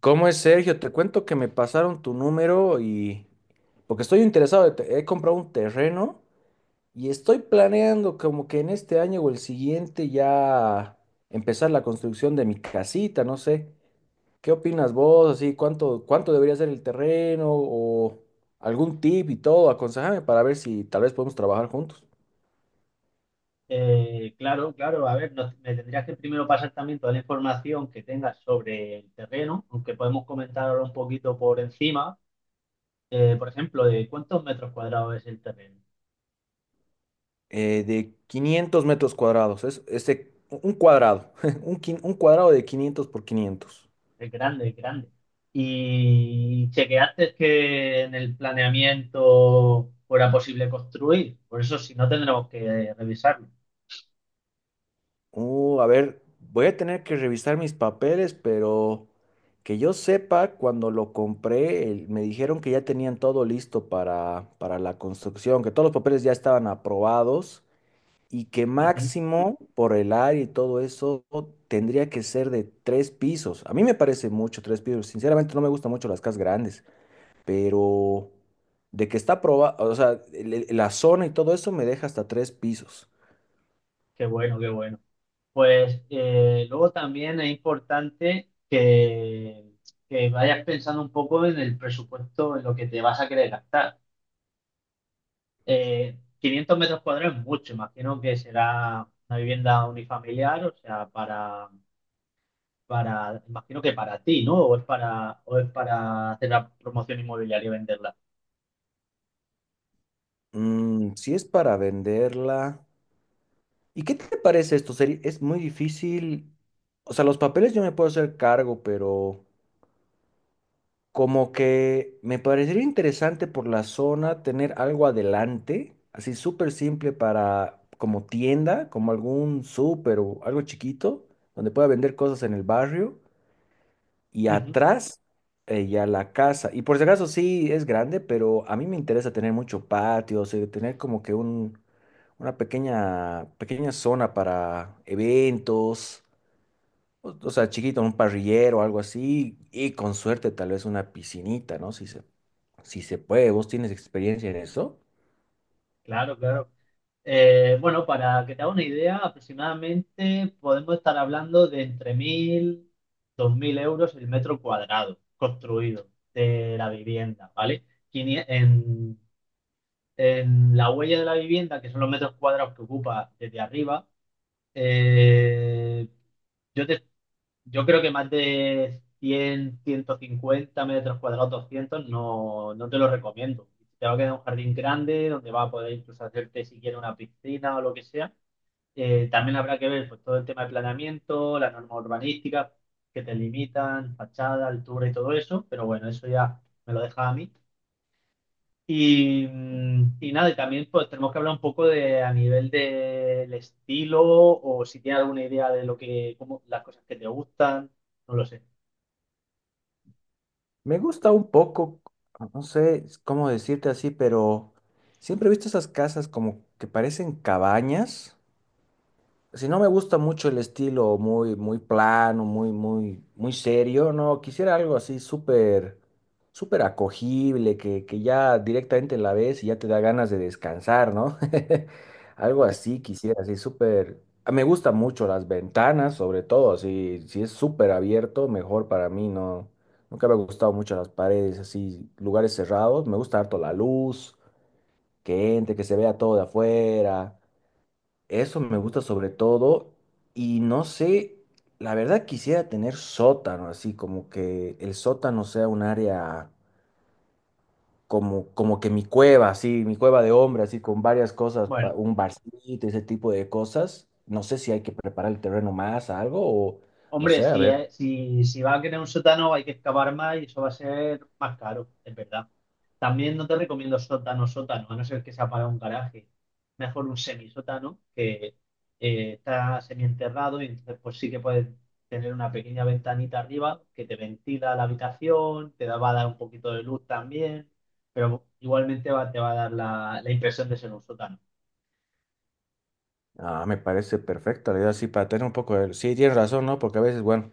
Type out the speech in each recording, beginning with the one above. ¿Cómo es, Sergio? Te cuento que me pasaron tu número y, porque estoy interesado, he comprado un terreno y estoy planeando como que en este año o el siguiente ya empezar la construcción de mi casita, no sé. ¿Qué opinas vos? Así, ¿cuánto debería ser el terreno o algún tip y todo? Aconsejame para ver si tal vez podemos trabajar juntos. Claro, claro. A ver, me tendrías que primero pasar también toda la información que tengas sobre el terreno, aunque podemos comentar ahora un poquito por encima. Por ejemplo, de cuántos metros cuadrados es el terreno. De 500 metros cuadrados, es este, un cuadrado, un cuadrado de 500 por 500. Es grande, es grande. Y chequeaste que en el planeamiento fuera posible construir. Por eso, si no, tendremos que revisarlo. Voy a tener que revisar mis papeles, pero que yo sepa, cuando lo compré, me dijeron que ya tenían todo listo para la construcción, que todos los papeles ya estaban aprobados y que Ujú. máximo por el área y todo eso tendría que ser de tres pisos. A mí me parece mucho tres pisos. Sinceramente no me gustan mucho las casas grandes, pero de que está aprobado, o sea, la zona y todo eso me deja hasta tres pisos. Qué bueno, qué bueno. Pues luego también es importante que vayas pensando un poco en el presupuesto, en lo que te vas a querer gastar. 500 metros cuadrados es mucho, imagino que será una vivienda unifamiliar, o sea, imagino que para ti, ¿no? O es o es para hacer la promoción inmobiliaria y venderla. Mm, si es para venderla. ¿Y qué te parece esto? Es muy difícil. O sea, los papeles yo me puedo hacer cargo, pero como que me parecería interesante por la zona tener algo adelante, así súper simple para como tienda, como algún súper o algo chiquito, donde pueda vender cosas en el barrio y Ujú. atrás, ya la casa. Y por si acaso sí es grande, pero a mí me interesa tener mucho patio, o sea, tener como que un una pequeña, pequeña zona para eventos, o sea, chiquito, un parrillero o algo así, y con suerte tal vez una piscinita, ¿no? Si se puede, ¿vos tienes experiencia en eso? Claro, claro. Bueno, para que te haga una idea, aproximadamente podemos estar hablando de entre 1.000, 2.000 euros el metro cuadrado construido de la vivienda, ¿vale? Quinie- En, en la huella de la vivienda, que son los metros cuadrados que ocupa desde arriba, eh, yo, te- yo creo que más de 100, 150 metros cuadrados, 200, no, no te lo recomiendo. Te va a quedar un jardín grande donde va a poder incluso hacerte si quieres una piscina o lo que sea. También habrá que ver pues, todo el tema de planeamiento, las normas urbanísticas que te limitan, fachada, altura y todo eso, pero bueno, eso ya me lo deja a mí. Y nada, y también pues tenemos que hablar un poco de a nivel del estilo o si tienes alguna idea de lo que, como las cosas que te gustan, no lo sé. Me gusta un poco, no sé cómo decirte así, pero siempre he visto esas casas como que parecen cabañas. Si no me gusta mucho el estilo muy, muy plano, muy, muy, muy serio, no, quisiera algo así súper, súper acogible, que ya directamente la ves y ya te da ganas de descansar, ¿no? Algo así quisiera, así súper. Ah, me gusta mucho las ventanas, sobre todo, si es súper abierto, mejor para mí, ¿no? Nunca me ha gustado mucho las paredes, así, lugares cerrados, me gusta harto la luz, que entre, que se vea todo de afuera. Eso me gusta sobre todo y no sé, la verdad quisiera tener sótano, así como que el sótano sea un área como que mi cueva, así, mi cueva de hombre, así con varias cosas, Bueno, un barcito, ese tipo de cosas. No sé si hay que preparar el terreno más, algo o no hombre, sé, a ver. Si va a querer un sótano hay que excavar más y eso va a ser más caro, es verdad. También no te recomiendo sótano, sótano, a no ser que sea para un garaje. Mejor un semisótano que está semienterrado y entonces pues sí que puedes tener una pequeña ventanita arriba que te ventila la habitación, te da, va a dar un poquito de luz también, pero igualmente te va a dar la impresión de ser un sótano. Ah, me parece perfecta la idea, sí, para tener un poco de. Sí, tienes razón, ¿no? Porque a veces, bueno,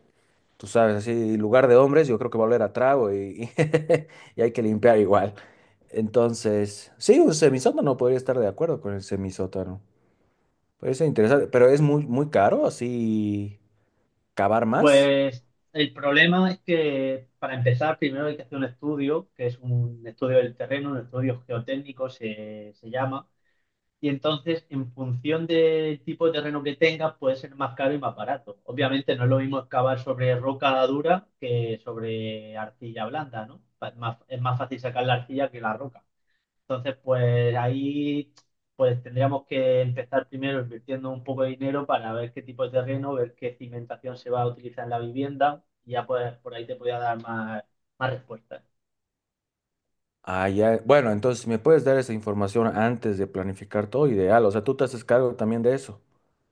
tú sabes, así, lugar de hombres, yo creo que va a oler a trago y, y hay que limpiar igual. Entonces, sí, un semisótano podría estar de acuerdo con el semisótano. Puede ser interesante, pero es muy, muy caro así cavar más. Pues el problema es que para empezar primero hay que hacer un estudio, que es un estudio del terreno, un estudio geotécnico se llama, y entonces en función del tipo de terreno que tengas puede ser más caro y más barato. Obviamente no es lo mismo excavar sobre roca dura que sobre arcilla blanda, ¿no? Es más fácil sacar la arcilla que la roca. Entonces, pues ahí pues tendríamos que empezar primero invirtiendo un poco de dinero para ver qué tipo de terreno, ver qué cimentación se va a utilizar en la vivienda y ya pues por ahí te podía dar más, más respuestas. Ah, ya. Bueno, entonces si me puedes dar esa información antes de planificar todo, ideal. O sea, tú te haces cargo también de eso.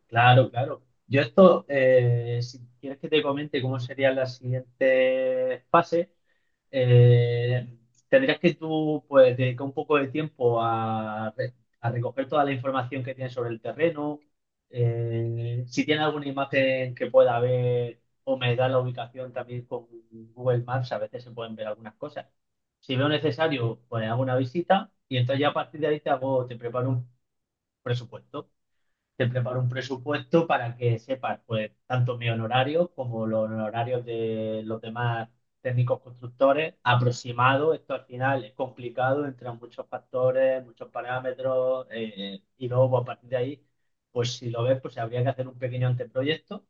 Claro, claro. Yo esto, si quieres que te comente cómo serían las siguientes fases, eh, tendrías que tú pues, dedicar un poco de tiempo a recoger toda la información que tienes sobre el terreno. Si tienes alguna imagen que pueda ver o me da la ubicación también con Google Maps, a veces se pueden ver algunas cosas. Si veo necesario, pues hago una visita y entonces ya a partir de ahí te hago, te preparo un presupuesto te preparo un presupuesto para que sepas, pues, tanto mi honorario como los honorarios de los demás técnicos constructores, aproximado, esto al final es complicado, entran muchos factores, muchos parámetros, y luego pues, a partir de ahí, pues si lo ves, pues habría que hacer un pequeño anteproyecto,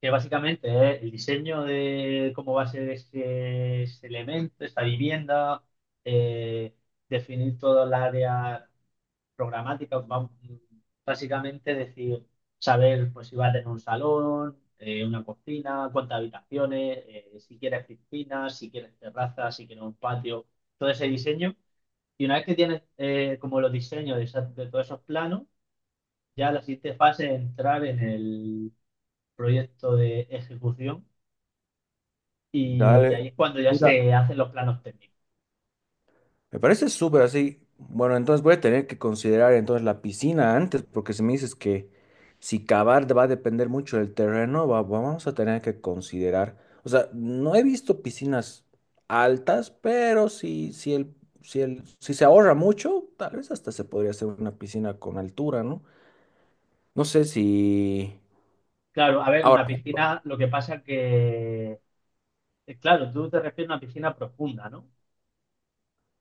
que básicamente es el diseño de cómo va a ser ese elemento, esa vivienda, eh, definir todo el área programática, básicamente decir, saber pues si va a tener un salón, una cocina, cuántas habitaciones, si quieres piscina, si quieres terraza, si quieres un patio, todo ese diseño. Y una vez que tienes como los diseños de, de todos esos planos, ya la siguiente fase es entrar en el proyecto de ejecución y ahí Dale. es cuando ya Mira, se hacen los planos técnicos. me parece súper así. Bueno, entonces voy a tener que considerar entonces la piscina antes, porque si me dices que si cavar va a depender mucho del terreno, vamos a tener que considerar. O sea, no he visto piscinas altas, pero si se ahorra mucho, tal vez hasta se podría hacer una piscina con altura, ¿no? No sé si. Claro, a ver, Ahora, una piscina, lo que pasa que, claro, tú te refieres a una piscina profunda, ¿no?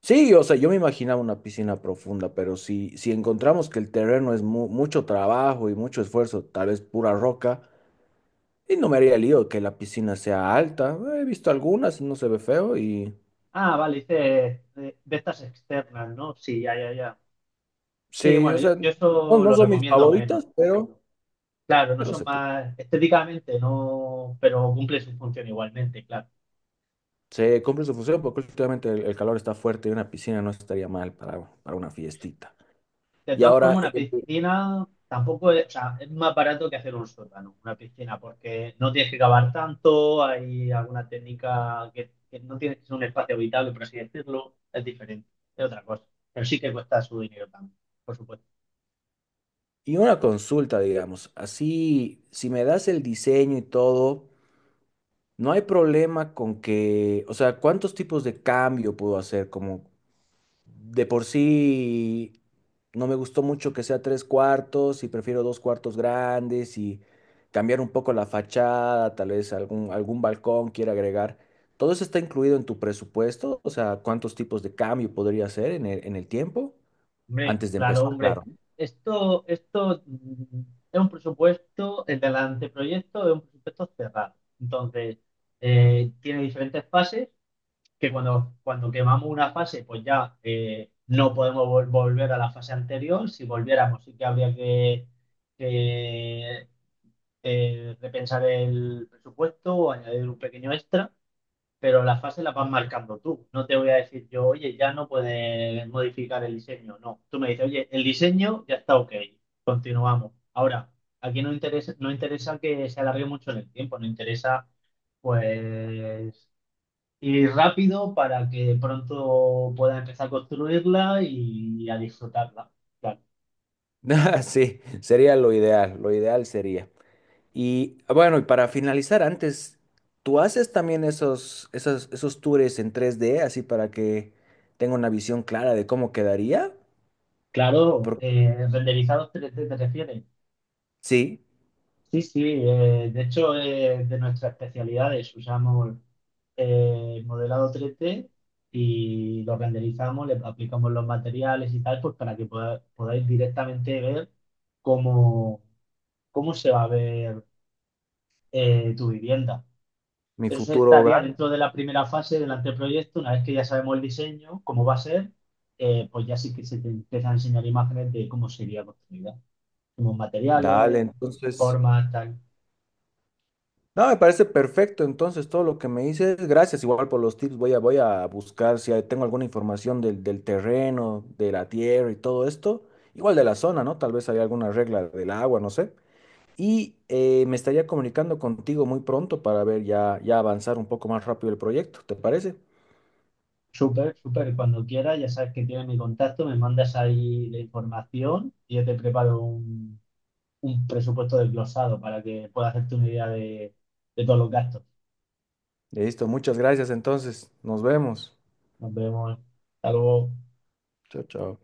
sí, o sea, yo me imaginaba una piscina profunda, pero si encontramos que el terreno es mucho trabajo y mucho esfuerzo, tal vez pura roca. Y no me haría lío que la piscina sea alta. He visto algunas, no se ve feo y Ah, vale, dice de estas externas, ¿no? Sí, ya, ya, ya. Sí, sí, o bueno, sea, yo no, eso no lo son mis recomiendo menos. favoritas, pero, Claro, no pero son se, pu- más estéticamente, no, pero cumple su función igualmente, claro. se cumple su función porque últimamente el calor está fuerte y una piscina no estaría mal para una fiestita. De Y todas ahora, formas, una el- piscina tampoco es, o sea, es más barato que hacer un sótano, una piscina, porque no tienes que cavar tanto, hay alguna técnica que no tienes que ser un espacio habitable, por así decirlo, es diferente, es otra cosa. Pero sí que cuesta su dinero también, por supuesto. y una consulta, digamos, así, si me das el diseño y todo, no hay problema con que, o sea, ¿cuántos tipos de cambio puedo hacer? Como de por sí no me gustó mucho que sea tres cuartos y prefiero dos cuartos grandes y cambiar un poco la fachada, tal vez algún balcón quiera agregar. ¿Todo eso está incluido en tu presupuesto? O sea, ¿cuántos tipos de cambio podría hacer en el tiempo? Hombre, Antes de claro, empezar, hombre. claro. Esto es un presupuesto, el del anteproyecto es un presupuesto cerrado. Entonces, tiene diferentes fases que cuando quemamos una fase, pues ya no podemos volver a la fase anterior. Si volviéramos, sí que habría que, repensar el presupuesto o añadir un pequeño extra, pero la fase la vas marcando tú. No te voy a decir yo, oye, ya no puedes modificar el diseño. No, tú me dices, oye, el diseño ya está ok, continuamos. Ahora, aquí no interesa, no interesa que se alargue mucho en el tiempo, no interesa pues ir rápido para que pronto pueda empezar a construirla y a disfrutarla. Claro, Sí, sería lo ideal sería. Y ah, bueno, y para finalizar, antes, ¿tú haces también esos tours en 3D, así para que tenga una visión clara de cómo quedaría? claro, Porque renderizados 3D te refieres. sí, Sí, sí, de hecho es de nuestras especialidades. Usamos modelado 3D y lo renderizamos, le aplicamos los materiales y tal, pues para que podáis directamente ver cómo, cómo se va a ver tu vivienda. mi Eso futuro estaría hogar. dentro de la primera fase del anteproyecto. Una vez que ya sabemos el diseño, cómo va a ser, pues ya sí que se te empiezan a enseñar imágenes de cómo sería construida, como Dale, materiales, entonces. formas, tal. No, me parece perfecto. Entonces, todo lo que me dices, gracias igual por los tips. Voy a buscar si tengo alguna información del terreno, de la tierra y todo esto. Igual de la zona, ¿no? Tal vez hay alguna regla del agua, no sé. Y me estaría comunicando contigo muy pronto para ver ya avanzar un poco más rápido el proyecto, ¿te parece? Súper, súper. Cuando quieras, ya sabes que tienes mi contacto, me mandas ahí la información y yo te preparo un presupuesto desglosado para que puedas hacerte una idea de todos los gastos. Listo, muchas gracias entonces, nos vemos. Nos vemos. Hasta luego. Chao, chao.